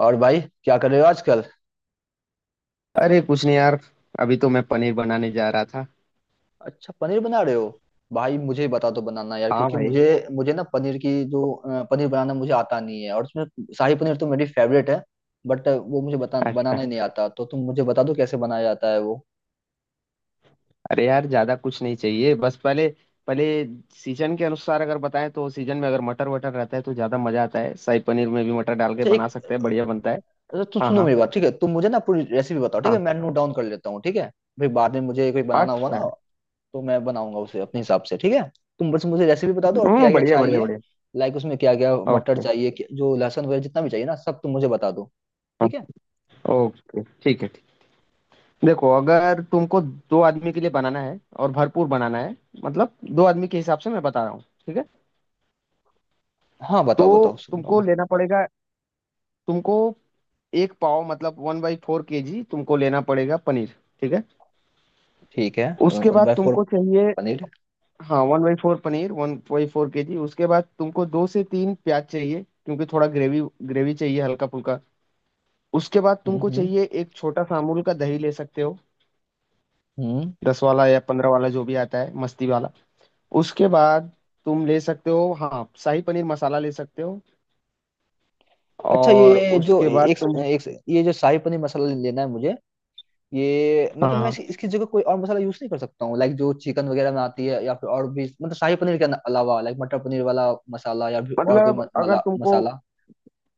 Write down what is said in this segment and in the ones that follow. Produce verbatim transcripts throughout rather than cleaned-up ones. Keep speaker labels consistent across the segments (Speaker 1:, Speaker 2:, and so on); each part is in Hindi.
Speaker 1: और भाई क्या कर रहे हो आजकल।
Speaker 2: अरे कुछ नहीं यार। अभी तो मैं पनीर बनाने जा रहा था।
Speaker 1: अच्छा, पनीर बना रहे हो। भाई मुझे बता दो बनाना यार,
Speaker 2: हाँ
Speaker 1: क्योंकि
Speaker 2: भाई।
Speaker 1: मुझे मुझे ना पनीर की जो अ, पनीर बनाना मुझे आता नहीं है, और उसमें शाही पनीर तो मेरी फेवरेट है। बट वो मुझे बता
Speaker 2: अच्छा।
Speaker 1: बनाना ही नहीं आता, तो तुम मुझे बता दो कैसे बनाया जाता है वो।
Speaker 2: अरे यार ज्यादा कुछ नहीं चाहिए। बस पहले पहले सीजन के अनुसार अगर बताएं तो सीजन में अगर मटर वटर रहता है तो ज्यादा मजा आता है। शाही पनीर में भी मटर डाल के
Speaker 1: अच्छा
Speaker 2: बना
Speaker 1: एक।
Speaker 2: सकते हैं, बढ़िया बनता है।
Speaker 1: अच्छा, तुम
Speaker 2: हाँ
Speaker 1: सुनो
Speaker 2: हाँ
Speaker 1: मेरी बात, ठीक है? तुम मुझे ना पूरी रेसिपी बताओ, ठीक है,
Speaker 2: हाँ।
Speaker 1: मैं नोट डाउन कर लेता हूँ ठीक है। फिर बाद में मुझे कोई बनाना हुआ ना,
Speaker 2: अच्छा।
Speaker 1: तो मैं बनाऊंगा उसे अपने हिसाब से, ठीक है। तुम बस मुझे रेसिपी बता दो, और क्या
Speaker 2: हम्म,
Speaker 1: क्या
Speaker 2: बढ़िया बढ़िया
Speaker 1: चाहिए।
Speaker 2: बढ़िया।
Speaker 1: लाइक उसमें क्या क्या मटर
Speaker 2: ओके।
Speaker 1: चाहिए क्या- जो लहसुन वगैरह जितना भी चाहिए ना, सब तुम मुझे बता दो।
Speaker 2: हाँ,
Speaker 1: ठीक है।
Speaker 2: ओके, ठीक है, ठीक। देखो, अगर तुमको दो आदमी के लिए बनाना है और भरपूर बनाना है, मतलब दो आदमी के हिसाब से मैं बता रहा हूँ, ठीक है?
Speaker 1: हाँ
Speaker 2: तो
Speaker 1: बताओ बताओ, सुन रहा हूँ
Speaker 2: तुमको
Speaker 1: मैं।
Speaker 2: लेना पड़ेगा, तुमको एक पाव मतलब one by four K G तुमको लेना पड़ेगा पनीर। ठीक है?
Speaker 1: ठीक है।
Speaker 2: उसके
Speaker 1: वन
Speaker 2: बाद
Speaker 1: बाय फोर
Speaker 2: तुमको चाहिए,
Speaker 1: पनीर।
Speaker 2: हाँ, one by four paneer, one by four K G. उसके बाद तुमको दो से तीन प्याज चाहिए क्योंकि थोड़ा ग्रेवी, ग्रेवी चाहिए हल्का फुल्का। उसके बाद
Speaker 1: हम्म
Speaker 2: तुमको
Speaker 1: हम्म।
Speaker 2: चाहिए एक छोटा सा अमूल का दही ले सकते हो,
Speaker 1: हम्म।
Speaker 2: दस वाला या पंद्रह वाला जो भी आता है मस्ती वाला। उसके बाद तुम ले सकते हो, हाँ, शाही पनीर मसाला ले सकते हो।
Speaker 1: अच्छा
Speaker 2: और
Speaker 1: ये जो
Speaker 2: उसके बाद
Speaker 1: एक,
Speaker 2: तुम,
Speaker 1: एक ये जो शाही पनीर मसाला लेना है मुझे, ये मतलब मैं
Speaker 2: हाँ,
Speaker 1: इसकी इसकी जगह कोई और मसाला यूज नहीं कर सकता हूँ? लाइक जो चिकन वगैरह में आती है, या फिर और भी, मतलब शाही पनीर के अलावा लाइक मटर पनीर वाला मसाला या फिर और कोई
Speaker 2: मतलब
Speaker 1: म,
Speaker 2: अगर
Speaker 1: मला,
Speaker 2: तुमको,
Speaker 1: मसाला।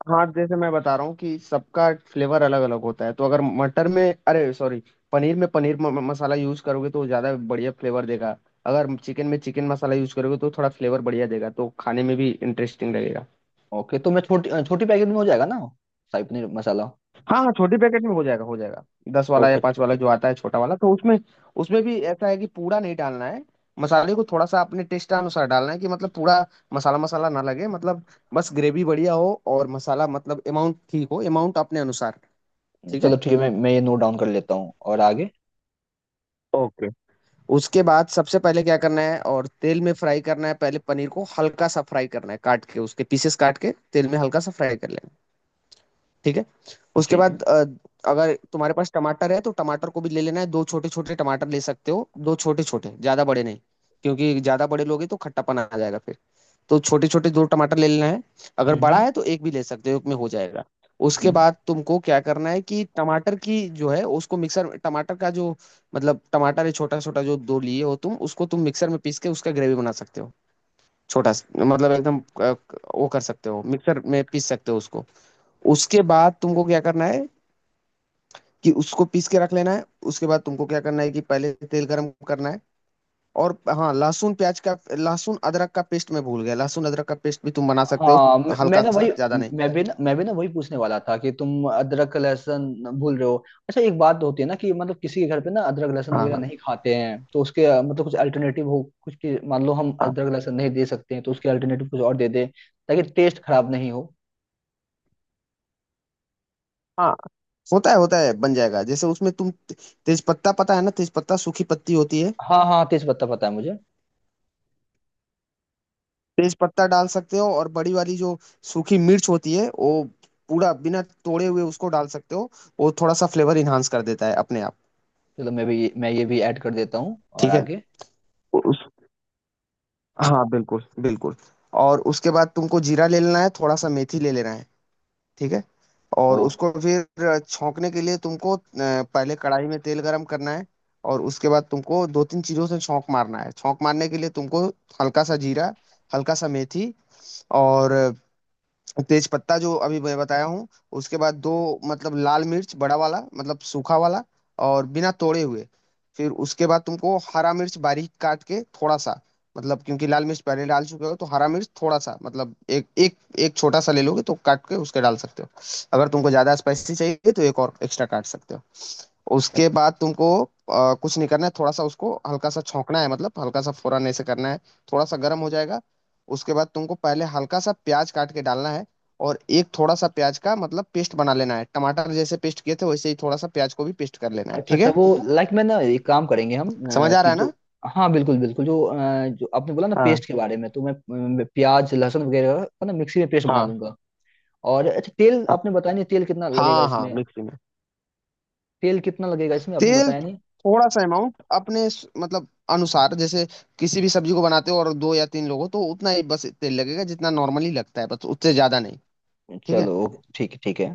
Speaker 2: हाँ जैसे मैं बता रहा हूँ कि सबका फ्लेवर अलग अलग होता है तो अगर मटर में, अरे सॉरी, पनीर में पनीर म, म- मसाला यूज करोगे तो ज़्यादा बढ़िया फ्लेवर देगा। अगर चिकन में चिकन मसाला यूज करोगे तो थोड़ा फ्लेवर बढ़िया देगा, तो खाने में भी इंटरेस्टिंग लगेगा।
Speaker 1: ओके, तो मैं छोटी छोटी पैकेट में हो जाएगा ना, शाही पनीर मसाला।
Speaker 2: हाँ हाँ, छोटे पैकेट में हो जाएगा, हो जाएगा। दस वाला या
Speaker 1: ओके
Speaker 2: पाँच वाला
Speaker 1: च-
Speaker 2: जो आता है छोटा वाला, तो उसमें, उसमें भी ऐसा है कि पूरा नहीं डालना है। मसाले को थोड़ा सा अपने टेस्ट अनुसार डालना है, कि मतलब पूरा मसाला मसाला ना लगे, मतलब बस ग्रेवी बढ़िया हो और मसाला मतलब अमाउंट ठीक हो, अमाउंट अपने अनुसार। ठीक है?
Speaker 1: चलो ठीक है, मैं मैं ये नोट डाउन कर लेता हूँ और आगे।
Speaker 2: ओके। उसके बाद सबसे पहले क्या करना है, और तेल में फ्राई करना है, पहले पनीर को हल्का सा फ्राई करना है, काट के उसके पीसेस काट के तेल में हल्का सा फ्राई कर लेना है। ठीक है? उसके
Speaker 1: ठीक है।
Speaker 2: बाद अ, अगर तुम्हारे पास टमाटर है तो टमाटर को भी ले लेना है, दो छोटे छोटे टमाटर ले सकते हो, दो छोटे छोटे, ज्यादा बड़े नहीं, क्योंकि ज्यादा बड़े लोगे तो खट्टापन आ जाएगा फिर। तो छोटे छोटे दो टमाटर ले लेना है। अगर बड़ा
Speaker 1: हम्म
Speaker 2: है तो एक भी ले सकते हो, एक में हो जाएगा। उसके
Speaker 1: हम्म।
Speaker 2: बाद तुमको क्या करना है कि टमाटर की जो है उसको मिक्सर, टमाटर का जो, मतलब टमाटर है छोटा छोटा जो दो लिए हो तुम, उसको तुम मिक्सर में पीस के उसका ग्रेवी बना सकते हो। छोटा सा, मतलब एकदम
Speaker 1: हम्म।
Speaker 2: अ, वो कर सकते हो, मिक्सर में पीस सकते हो उसको। उसके बाद तुमको क्या करना है कि उसको पीस के रख लेना है। उसके बाद तुमको क्या करना है कि पहले तेल गरम करना है। और हाँ, लहसुन प्याज का, लहसुन अदरक का पेस्ट मैं भूल गया, लहसुन अदरक का पेस्ट भी तुम बना सकते हो,
Speaker 1: हाँ म- मैं
Speaker 2: हल्का
Speaker 1: ना
Speaker 2: सा,
Speaker 1: वही,
Speaker 2: ज्यादा नहीं।
Speaker 1: मैं भी ना मैं भी ना वही पूछने वाला था कि तुम अदरक लहसुन भूल रहे हो। अच्छा एक बात होती है ना, कि मतलब किसी के घर पे ना अदरक लहसुन
Speaker 2: हाँ
Speaker 1: वगैरह
Speaker 2: हाँ
Speaker 1: नहीं खाते हैं, तो उसके अ, मतलब कुछ अल्टरनेटिव हो कुछ, कि मान लो हम
Speaker 2: हाँ
Speaker 1: अदरक लहसुन नहीं दे सकते हैं तो उसके अल्टरनेटिव कुछ और दे दें, ताकि टेस्ट खराब नहीं हो।
Speaker 2: हाँ। होता है, होता है, बन जाएगा। जैसे उसमें तुम तेज पत्ता पता है ना, तेज पत्ता सूखी पत्ती होती है,
Speaker 1: हाँ हाँ, तेज पत्ता पता है मुझे।
Speaker 2: तेज पत्ता डाल सकते हो। और बड़ी वाली जो सूखी मिर्च होती है वो पूरा बिना तोड़े हुए उसको डाल सकते हो, वो थोड़ा सा फ्लेवर इन्हांस कर देता है अपने आप।
Speaker 1: चलो मैं भी, मैं ये भी ऐड कर देता हूँ और
Speaker 2: ठीक है?
Speaker 1: आगे।
Speaker 2: उस हाँ बिल्कुल, बिल्कुल। और उसके बाद तुमको जीरा ले लेना है, थोड़ा सा मेथी ले लेना है। ठीक है?
Speaker 1: ओ
Speaker 2: और उसको फिर अ, छौंकने के लिए तुमको अ, पहले कढ़ाई में तेल गरम करना है। और उसके बाद तुमको दो तीन चीज़ों से छौंक मारना है। छौंक मारने के लिए तुमको हल्का सा जीरा, हल्का सा मेथी, और तेज पत्ता जो अभी मैं बताया हूँ। उसके बाद दो, मतलब लाल मिर्च, बड़ा वाला, मतलब सूखा वाला, और बिना तोड़े हुए। फिर उसके बाद तुमको हरा मिर्च बारीक काट के थोड़ा सा, मतलब क्योंकि लाल मिर्च पहले डाल चुके हो तो हरा मिर्च थोड़ा सा, मतलब एक एक एक छोटा सा ले लोगे तो काट के उसके डाल सकते हो। अगर तुमको ज्यादा स्पाइसी चाहिए तो एक और एक्स्ट्रा काट सकते हो। उसके बाद तुमको अ, कुछ नहीं करना है, थोड़ा सा उसको हल्का सा छौंकना है, मतलब हल्का सा फौरन ऐसे करना है, थोड़ा सा गर्म हो जाएगा। उसके बाद तुमको पहले हल्का सा प्याज काट के डालना है, और एक थोड़ा सा प्याज का मतलब पेस्ट बना लेना है। टमाटर जैसे पेस्ट किए थे वैसे ही थोड़ा सा प्याज को भी पेस्ट कर लेना है।
Speaker 1: अच्छा
Speaker 2: ठीक
Speaker 1: अच्छा
Speaker 2: है?
Speaker 1: वो, लाइक मैं ना एक काम करेंगे हम
Speaker 2: समझ
Speaker 1: अ,
Speaker 2: आ
Speaker 1: कि
Speaker 2: रहा है ना?
Speaker 1: जो, हाँ बिल्कुल बिल्कुल, जो अ, जो आपने बोला ना
Speaker 2: हाँ
Speaker 1: पेस्ट के बारे में, तो मैं अ, प्याज लहसुन वगैरह का ना मिक्सी में पेस्ट बना
Speaker 2: हाँ
Speaker 1: लूंगा। और अच्छा तेल
Speaker 2: हाँ
Speaker 1: आपने बताया नहीं, तेल कितना लगेगा
Speaker 2: हाँ हाँ,
Speaker 1: इसमें?
Speaker 2: मिक्सी में।
Speaker 1: तेल कितना लगेगा इसमें, आपने
Speaker 2: तेल,
Speaker 1: बताया नहीं?
Speaker 2: थोड़ा सा अमाउंट अपने स- मतलब अनुसार, जैसे किसी भी सब्जी को बनाते हो और दो या तीन लोग हो तो उतना ही बस तेल लगेगा जितना नॉर्मली लगता है, बस उससे ज्यादा नहीं। ठीक है?
Speaker 1: चलो ठीक है ठीक है।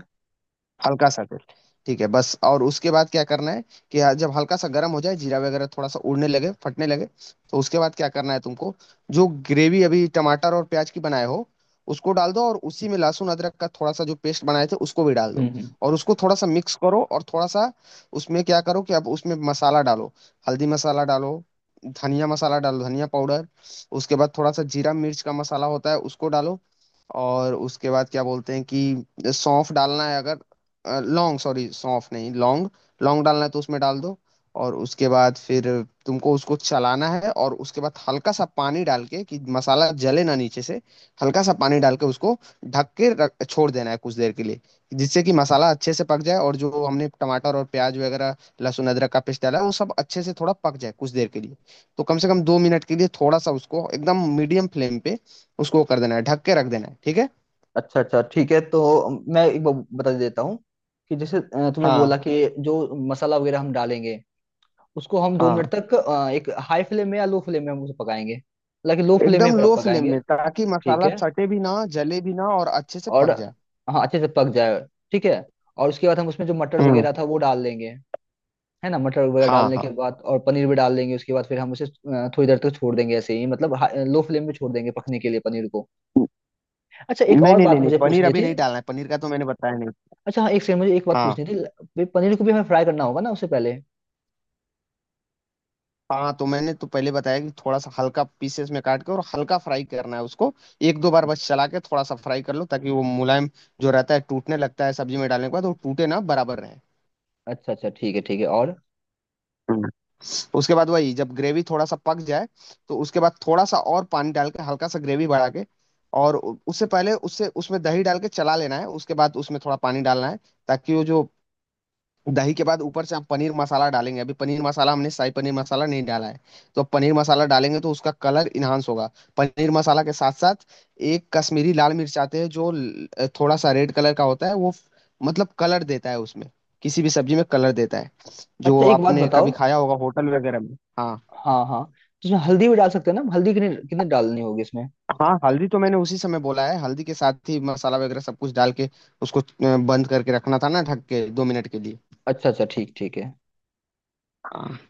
Speaker 2: हल्का सा तेल। ठीक है, बस। और उसके बाद क्या करना है कि हाँ, जब हल्का सा गर्म हो जाए, जीरा वगैरह थोड़ा सा उड़ने लगे, फटने लगे, तो उसके बाद क्या करना है तुमको, जो ग्रेवी अभी टमाटर और प्याज की बनाए हो उसको डाल दो, और उसी में लहसुन अदरक का थोड़ा सा जो पेस्ट बनाए थे उसको भी डाल
Speaker 1: हम्म
Speaker 2: दो।
Speaker 1: हम्म।
Speaker 2: और उसको थोड़ा सा मिक्स करो, और थोड़ा सा उसमें क्या करो कि अब उसमें मसाला डालो, हल्दी मसाला डालो, धनिया मसाला डालो, धनिया पाउडर। उसके बाद थोड़ा सा जीरा मिर्च का मसाला होता है उसको डालो। और उसके बाद क्या बोलते हैं कि सौंफ डालना है, अगर लॉन्ग, सॉरी, सौंफ नहीं, लौंग, लौंग डालना है तो उसमें डाल दो। और उसके बाद फिर तुमको उसको चलाना है, और उसके बाद हल्का सा पानी डाल के कि मसाला जले ना नीचे से, हल्का सा पानी डाल के उसको ढक के रख छोड़ देना है कुछ देर के लिए, जिससे कि मसाला अच्छे से पक जाए और जो हमने टमाटर और प्याज वगैरह, लहसुन अदरक का पेस्ट डाला है वो सब अच्छे से थोड़ा पक जाए कुछ देर के लिए। तो कम से कम दो मिनट के लिए थोड़ा सा उसको एकदम मीडियम फ्लेम पे उसको कर देना है, ढक के रख देना है। ठीक है?
Speaker 1: अच्छा अच्छा ठीक है, तो मैं एक बार बता देता हूँ कि जैसे अ, तुमने
Speaker 2: हाँ
Speaker 1: बोला कि जो मसाला वगैरह हम डालेंगे उसको हम दो
Speaker 2: हाँ,
Speaker 1: मिनट तक अ, एक हाई फ्लेम में या लो फ्लेम में हम उसे पकाएंगे, हालांकि लो फ्लेम
Speaker 2: एकदम
Speaker 1: में
Speaker 2: लो फ्लेम
Speaker 1: पकाएंगे।
Speaker 2: में, ताकि
Speaker 1: ठीक
Speaker 2: मसाला
Speaker 1: है।
Speaker 2: सटे भी ना, जले भी ना, और अच्छे से
Speaker 1: और
Speaker 2: पक जाए।
Speaker 1: हाँ अच्छे से पक जाए। ठीक है। और उसके बाद हम उसमें जो मटर
Speaker 2: हम्म।
Speaker 1: वगैरह था वो डाल देंगे, है ना। मटर वगैरह
Speaker 2: हाँ
Speaker 1: डालने के
Speaker 2: हाँ।
Speaker 1: बाद और पनीर भी डाल देंगे, उसके बाद फिर हम उसे अ, थोड़ी देर तक छोड़ देंगे ऐसे ही, मतलब लो फ्लेम में छोड़ देंगे पकने के लिए पनीर को। अच्छा एक
Speaker 2: नहीं
Speaker 1: और
Speaker 2: नहीं
Speaker 1: बात
Speaker 2: नहीं नहीं,
Speaker 1: मुझे
Speaker 2: पनीर
Speaker 1: पूछनी
Speaker 2: अभी
Speaker 1: थी।
Speaker 2: नहीं डालना है, पनीर का तो मैंने बताया नहीं।
Speaker 1: अच्छा हाँ, एक सेकंड, मुझे एक बात
Speaker 2: हाँ।
Speaker 1: पूछनी थी। वे पनीर को भी हमें फ्राई करना होगा ना उससे पहले?
Speaker 2: हाँ तो मैंने तो पहले बताया कि थोड़ा सा हल्का पीसेस में काट के और हल्का फ्राई करना है उसको, एक दो बार बस चला के थोड़ा सा फ्राई कर लो, ताकि वो मुलायम जो रहता है टूटने लगता है सब्जी में डालने के बाद, वो टूटे ना, बराबर रहे।
Speaker 1: अच्छा अच्छा ठीक है ठीक है। और
Speaker 2: उसके बाद वही, जब ग्रेवी थोड़ा सा पक जाए तो उसके बाद थोड़ा सा और पानी डाल के हल्का सा ग्रेवी बढ़ा के, और उ- उससे पहले उससे उसमें दही डाल के चला लेना है, उसके बाद उसमें थोड़ा पानी डालना है, ताकि वो जो दही के बाद ऊपर से हम पनीर मसाला डालेंगे, अभी पनीर मसाला हमने, शाही पनीर मसाला नहीं डाला है, तो अब पनीर मसाला डालेंगे तो उसका कलर इन्हांस होगा। पनीर मसाला के साथ साथ एक कश्मीरी लाल मिर्च आते हैं, जो ल- थोड़ा सा रेड कलर का होता है वो, मतलब कलर देता है उसमें, किसी भी सब्जी में कलर देता है,
Speaker 1: अच्छा
Speaker 2: जो
Speaker 1: एक बात
Speaker 2: आपने
Speaker 1: बताओ।
Speaker 2: कभी खाया होगा होटल वगैरह में। हाँ।
Speaker 1: हाँ हाँ, तो इसमें हल्दी भी डाल सकते हैं ना हम? हल्दी कितनी कितनी डालनी होगी इसमें?
Speaker 2: हाँ, हल्दी तो मैंने उसी समय बोला है, हल्दी के साथ ही मसाला वगैरह सब कुछ डाल के उसको अ, बंद करके रखना था ना, ढक के, दो मिनट के
Speaker 1: अच्छा अच्छा ठीक ठीक है।
Speaker 2: लिए।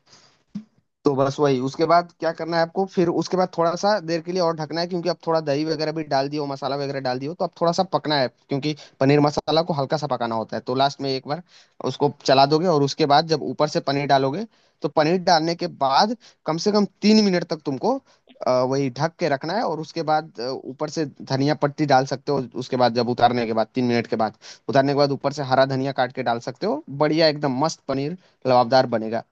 Speaker 2: तो बस वही, उसके बाद क्या करना है आपको, फिर उसके बाद थोड़ा सा देर के लिए और ढकना है क्योंकि अब थोड़ा दही वगैरह भी डाल दियो, मसाला वगैरह डाल दियो तो अब थोड़ा सा पकना है, क्योंकि पनीर मसाला को हल्का सा पकाना होता है। तो लास्ट में एक बार उसको चला दोगे, और उसके बाद जब ऊपर से पनीर डालोगे तो पनीर डालने के बाद कम से कम तीन मिनट तक तुमको अ, वही ढक के रखना है। और उसके बाद अ, ऊपर से धनिया पत्ती डाल सकते हो। उसके बाद जब उतारने के बाद, तीन मिनट के बाद उतारने के बाद, ऊपर से हरा धनिया काट के डाल सकते हो, बढ़िया एकदम मस्त पनीर लबाबदार बनेगा।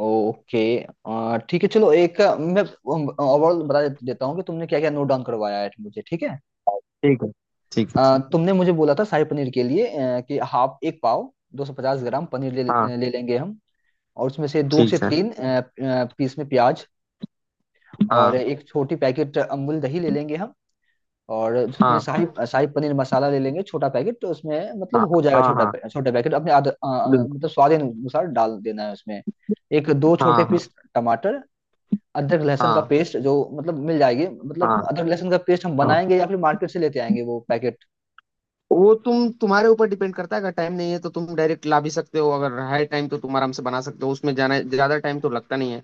Speaker 1: ओके। आ, ठीक है, चलो एक आ, मैं ओवरऑल बता दे- देता हूँ कि तुमने क्या क्या नोट डाउन करवाया है मुझे, ठीक है।
Speaker 2: ठीक है, ठीक है।
Speaker 1: आ, तुमने मुझे बोला था शाही पनीर के लिए आ, कि हाफ एक पाव दो सौ पचास ग्राम पनीर ले,
Speaker 2: हाँ,
Speaker 1: ले लेंगे हम। और उसमें से दो से
Speaker 2: ठीक है।
Speaker 1: तीन आ, आ, पीस में प्याज। और
Speaker 2: हाँ
Speaker 1: एक छोटी पैकेट अमूल दही ले लेंगे हम। और उसमें
Speaker 2: हाँ
Speaker 1: शाही, शाही पनीर मसाला ले लेंगे छोटा पैकेट, तो उसमें मतलब
Speaker 2: हाँ
Speaker 1: हो जाएगा
Speaker 2: हाँ
Speaker 1: छोटा
Speaker 2: हाँ,
Speaker 1: पै- छोटा पैकेट, अपने आद, आ, आ,
Speaker 2: बिल्कुल।
Speaker 1: मतलब स्वाद अनुसार डाल देना है उसमें। एक दो छोटे
Speaker 2: हाँ हाँ
Speaker 1: पीस टमाटर। अदरक लहसुन का
Speaker 2: हाँ
Speaker 1: पेस्ट जो मतलब मिल जाएगी, मतलब
Speaker 2: हाँ
Speaker 1: अदरक लहसुन का पेस्ट हम
Speaker 2: हाँ,
Speaker 1: बनाएंगे या फिर मार्केट से लेते आएंगे वो पैकेट।
Speaker 2: वो तुम, तुम्हारे ऊपर डिपेंड करता है। अगर टाइम नहीं है तो तुम डायरेक्ट ला भी सकते हो, अगर है टाइम तो तुम आराम से बना सकते हो, उसमें जाना ज्यादा टाइम तो लगता नहीं है।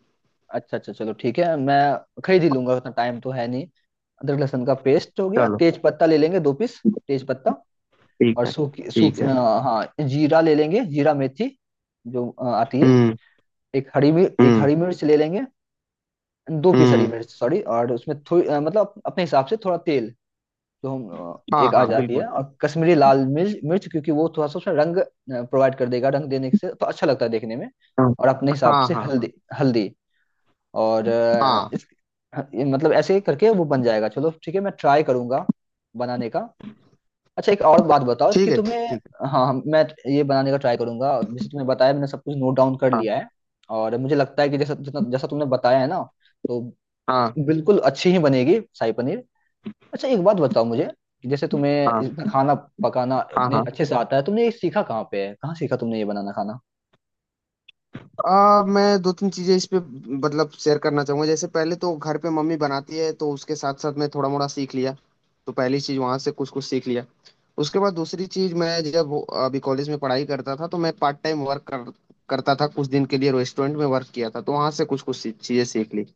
Speaker 1: अच्छा अच्छा, चलो ठीक है, मैं खरीद ही लूंगा, उतना टाइम तो है नहीं। अदरक लहसुन का पेस्ट हो गया,
Speaker 2: चलो,
Speaker 1: तेज पत्ता ले लेंगे दो पीस, तेज पत्ता।
Speaker 2: ठीक
Speaker 1: और
Speaker 2: है,
Speaker 1: सूखी सूखी
Speaker 2: ठीक है।
Speaker 1: अ, हाँ जीरा ले लेंगे, जीरा मेथी जो अ, आती है।
Speaker 2: हम्म
Speaker 1: एक हरी मिर्च, एक
Speaker 2: हम्म
Speaker 1: हरी मिर्च ले लेंगे, दो पीस हरी
Speaker 2: हम्म।
Speaker 1: मिर्च, सॉरी। और उसमें थोड़ी अ, मतलब अपने हिसाब से थोड़ा तेल जो हम अ,
Speaker 2: हाँ
Speaker 1: एक आ
Speaker 2: हाँ
Speaker 1: जाती
Speaker 2: बिल्कुल।
Speaker 1: है, और कश्मीरी लाल मिर्च, मिर्च, क्योंकि वो थोड़ा सा उसमें रंग प्रोवाइड कर देगा, रंग देने से तो अच्छा लगता है देखने में।
Speaker 2: हाँ
Speaker 1: और अपने हिसाब
Speaker 2: हाँ
Speaker 1: से
Speaker 2: हाँ हाँ
Speaker 1: हल्दी, हल्दी, और अ,
Speaker 2: हाँ,
Speaker 1: इस ह- ये मतलब ऐसे करके वो बन जाएगा, चलो ठीक है मैं ट्राई करूंगा बनाने का। अच्छा एक और बात बताओ कि
Speaker 2: ठीक है,
Speaker 1: तुम्हें,
Speaker 2: ठीक है।
Speaker 1: हाँ हम- मैं ये बनाने का ट्राई करूंगा जैसे तुमने बताया, मैंने सब कुछ नोट डाउन कर
Speaker 2: हाँ
Speaker 1: लिया है। और मुझे लगता है कि जैसा जितना जैसा तुमने बताया है ना, तो
Speaker 2: हाँ
Speaker 1: बिल्कुल अच्छी ही बनेगी शाही पनीर। अच्छा एक बात बताओ मुझे, कि जैसे तुम्हें
Speaker 2: हाँ
Speaker 1: इतना खाना पकाना
Speaker 2: हाँ
Speaker 1: इतने
Speaker 2: हाँ,
Speaker 1: अच्छे से आता है, तुमने ये सीखा कहाँ पे है, कहाँ सीखा तुमने ये बनाना खाना।
Speaker 2: आ, मैं दो तीन चीजें इस पे, मतलब शेयर करना चाहूंगा। जैसे पहले तो घर पे मम्मी बनाती है तो उसके साथ साथ मैं थोड़ा मोड़ा सीख लिया, तो पहली चीज वहां से कुछ कुछ सीख लिया। उसके बाद दूसरी चीज, मैं जब अभी कॉलेज में पढ़ाई करता था तो मैं पार्ट टाइम वर्क कर, करता था, कुछ दिन के लिए रेस्टोरेंट में वर्क किया था, तो वहां से कुछ कुछ चीजें सीख ली।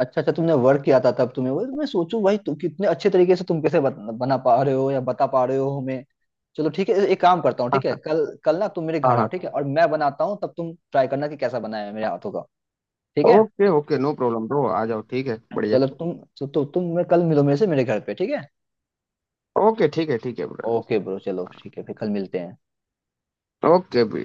Speaker 1: अच्छा अच्छा, तुमने वर्क किया था तब, तुम्हें वो मैं सोचूं भाई, तुम कितने अच्छे तरीके से तुम कैसे बत, बना पा रहे हो या बता पा रहे हो हमें। चलो ठीक है, एक काम करता हूँ
Speaker 2: हाँ
Speaker 1: ठीक है,
Speaker 2: हाँ
Speaker 1: कल कल ना तुम मेरे
Speaker 2: हाँ
Speaker 1: घर आओ,
Speaker 2: हाँ।
Speaker 1: ठीक है, और मैं बनाता हूँ, तब तुम ट्राई करना कि कैसा बना है मेरे हाथों का। ठीक है,
Speaker 2: okay okay, no problem bro, आ जाओ, ठीक है, बढ़िया।
Speaker 1: चलो तुम, तो, तो तुम मैं कल मिलो मेरे से मेरे घर पे, ठीक है।
Speaker 2: ओके ठीक है, ठीक है ब्रदर।
Speaker 1: ओके ब्रो, चलो ठीक है फिर कल मिलते हैं।
Speaker 2: ओके।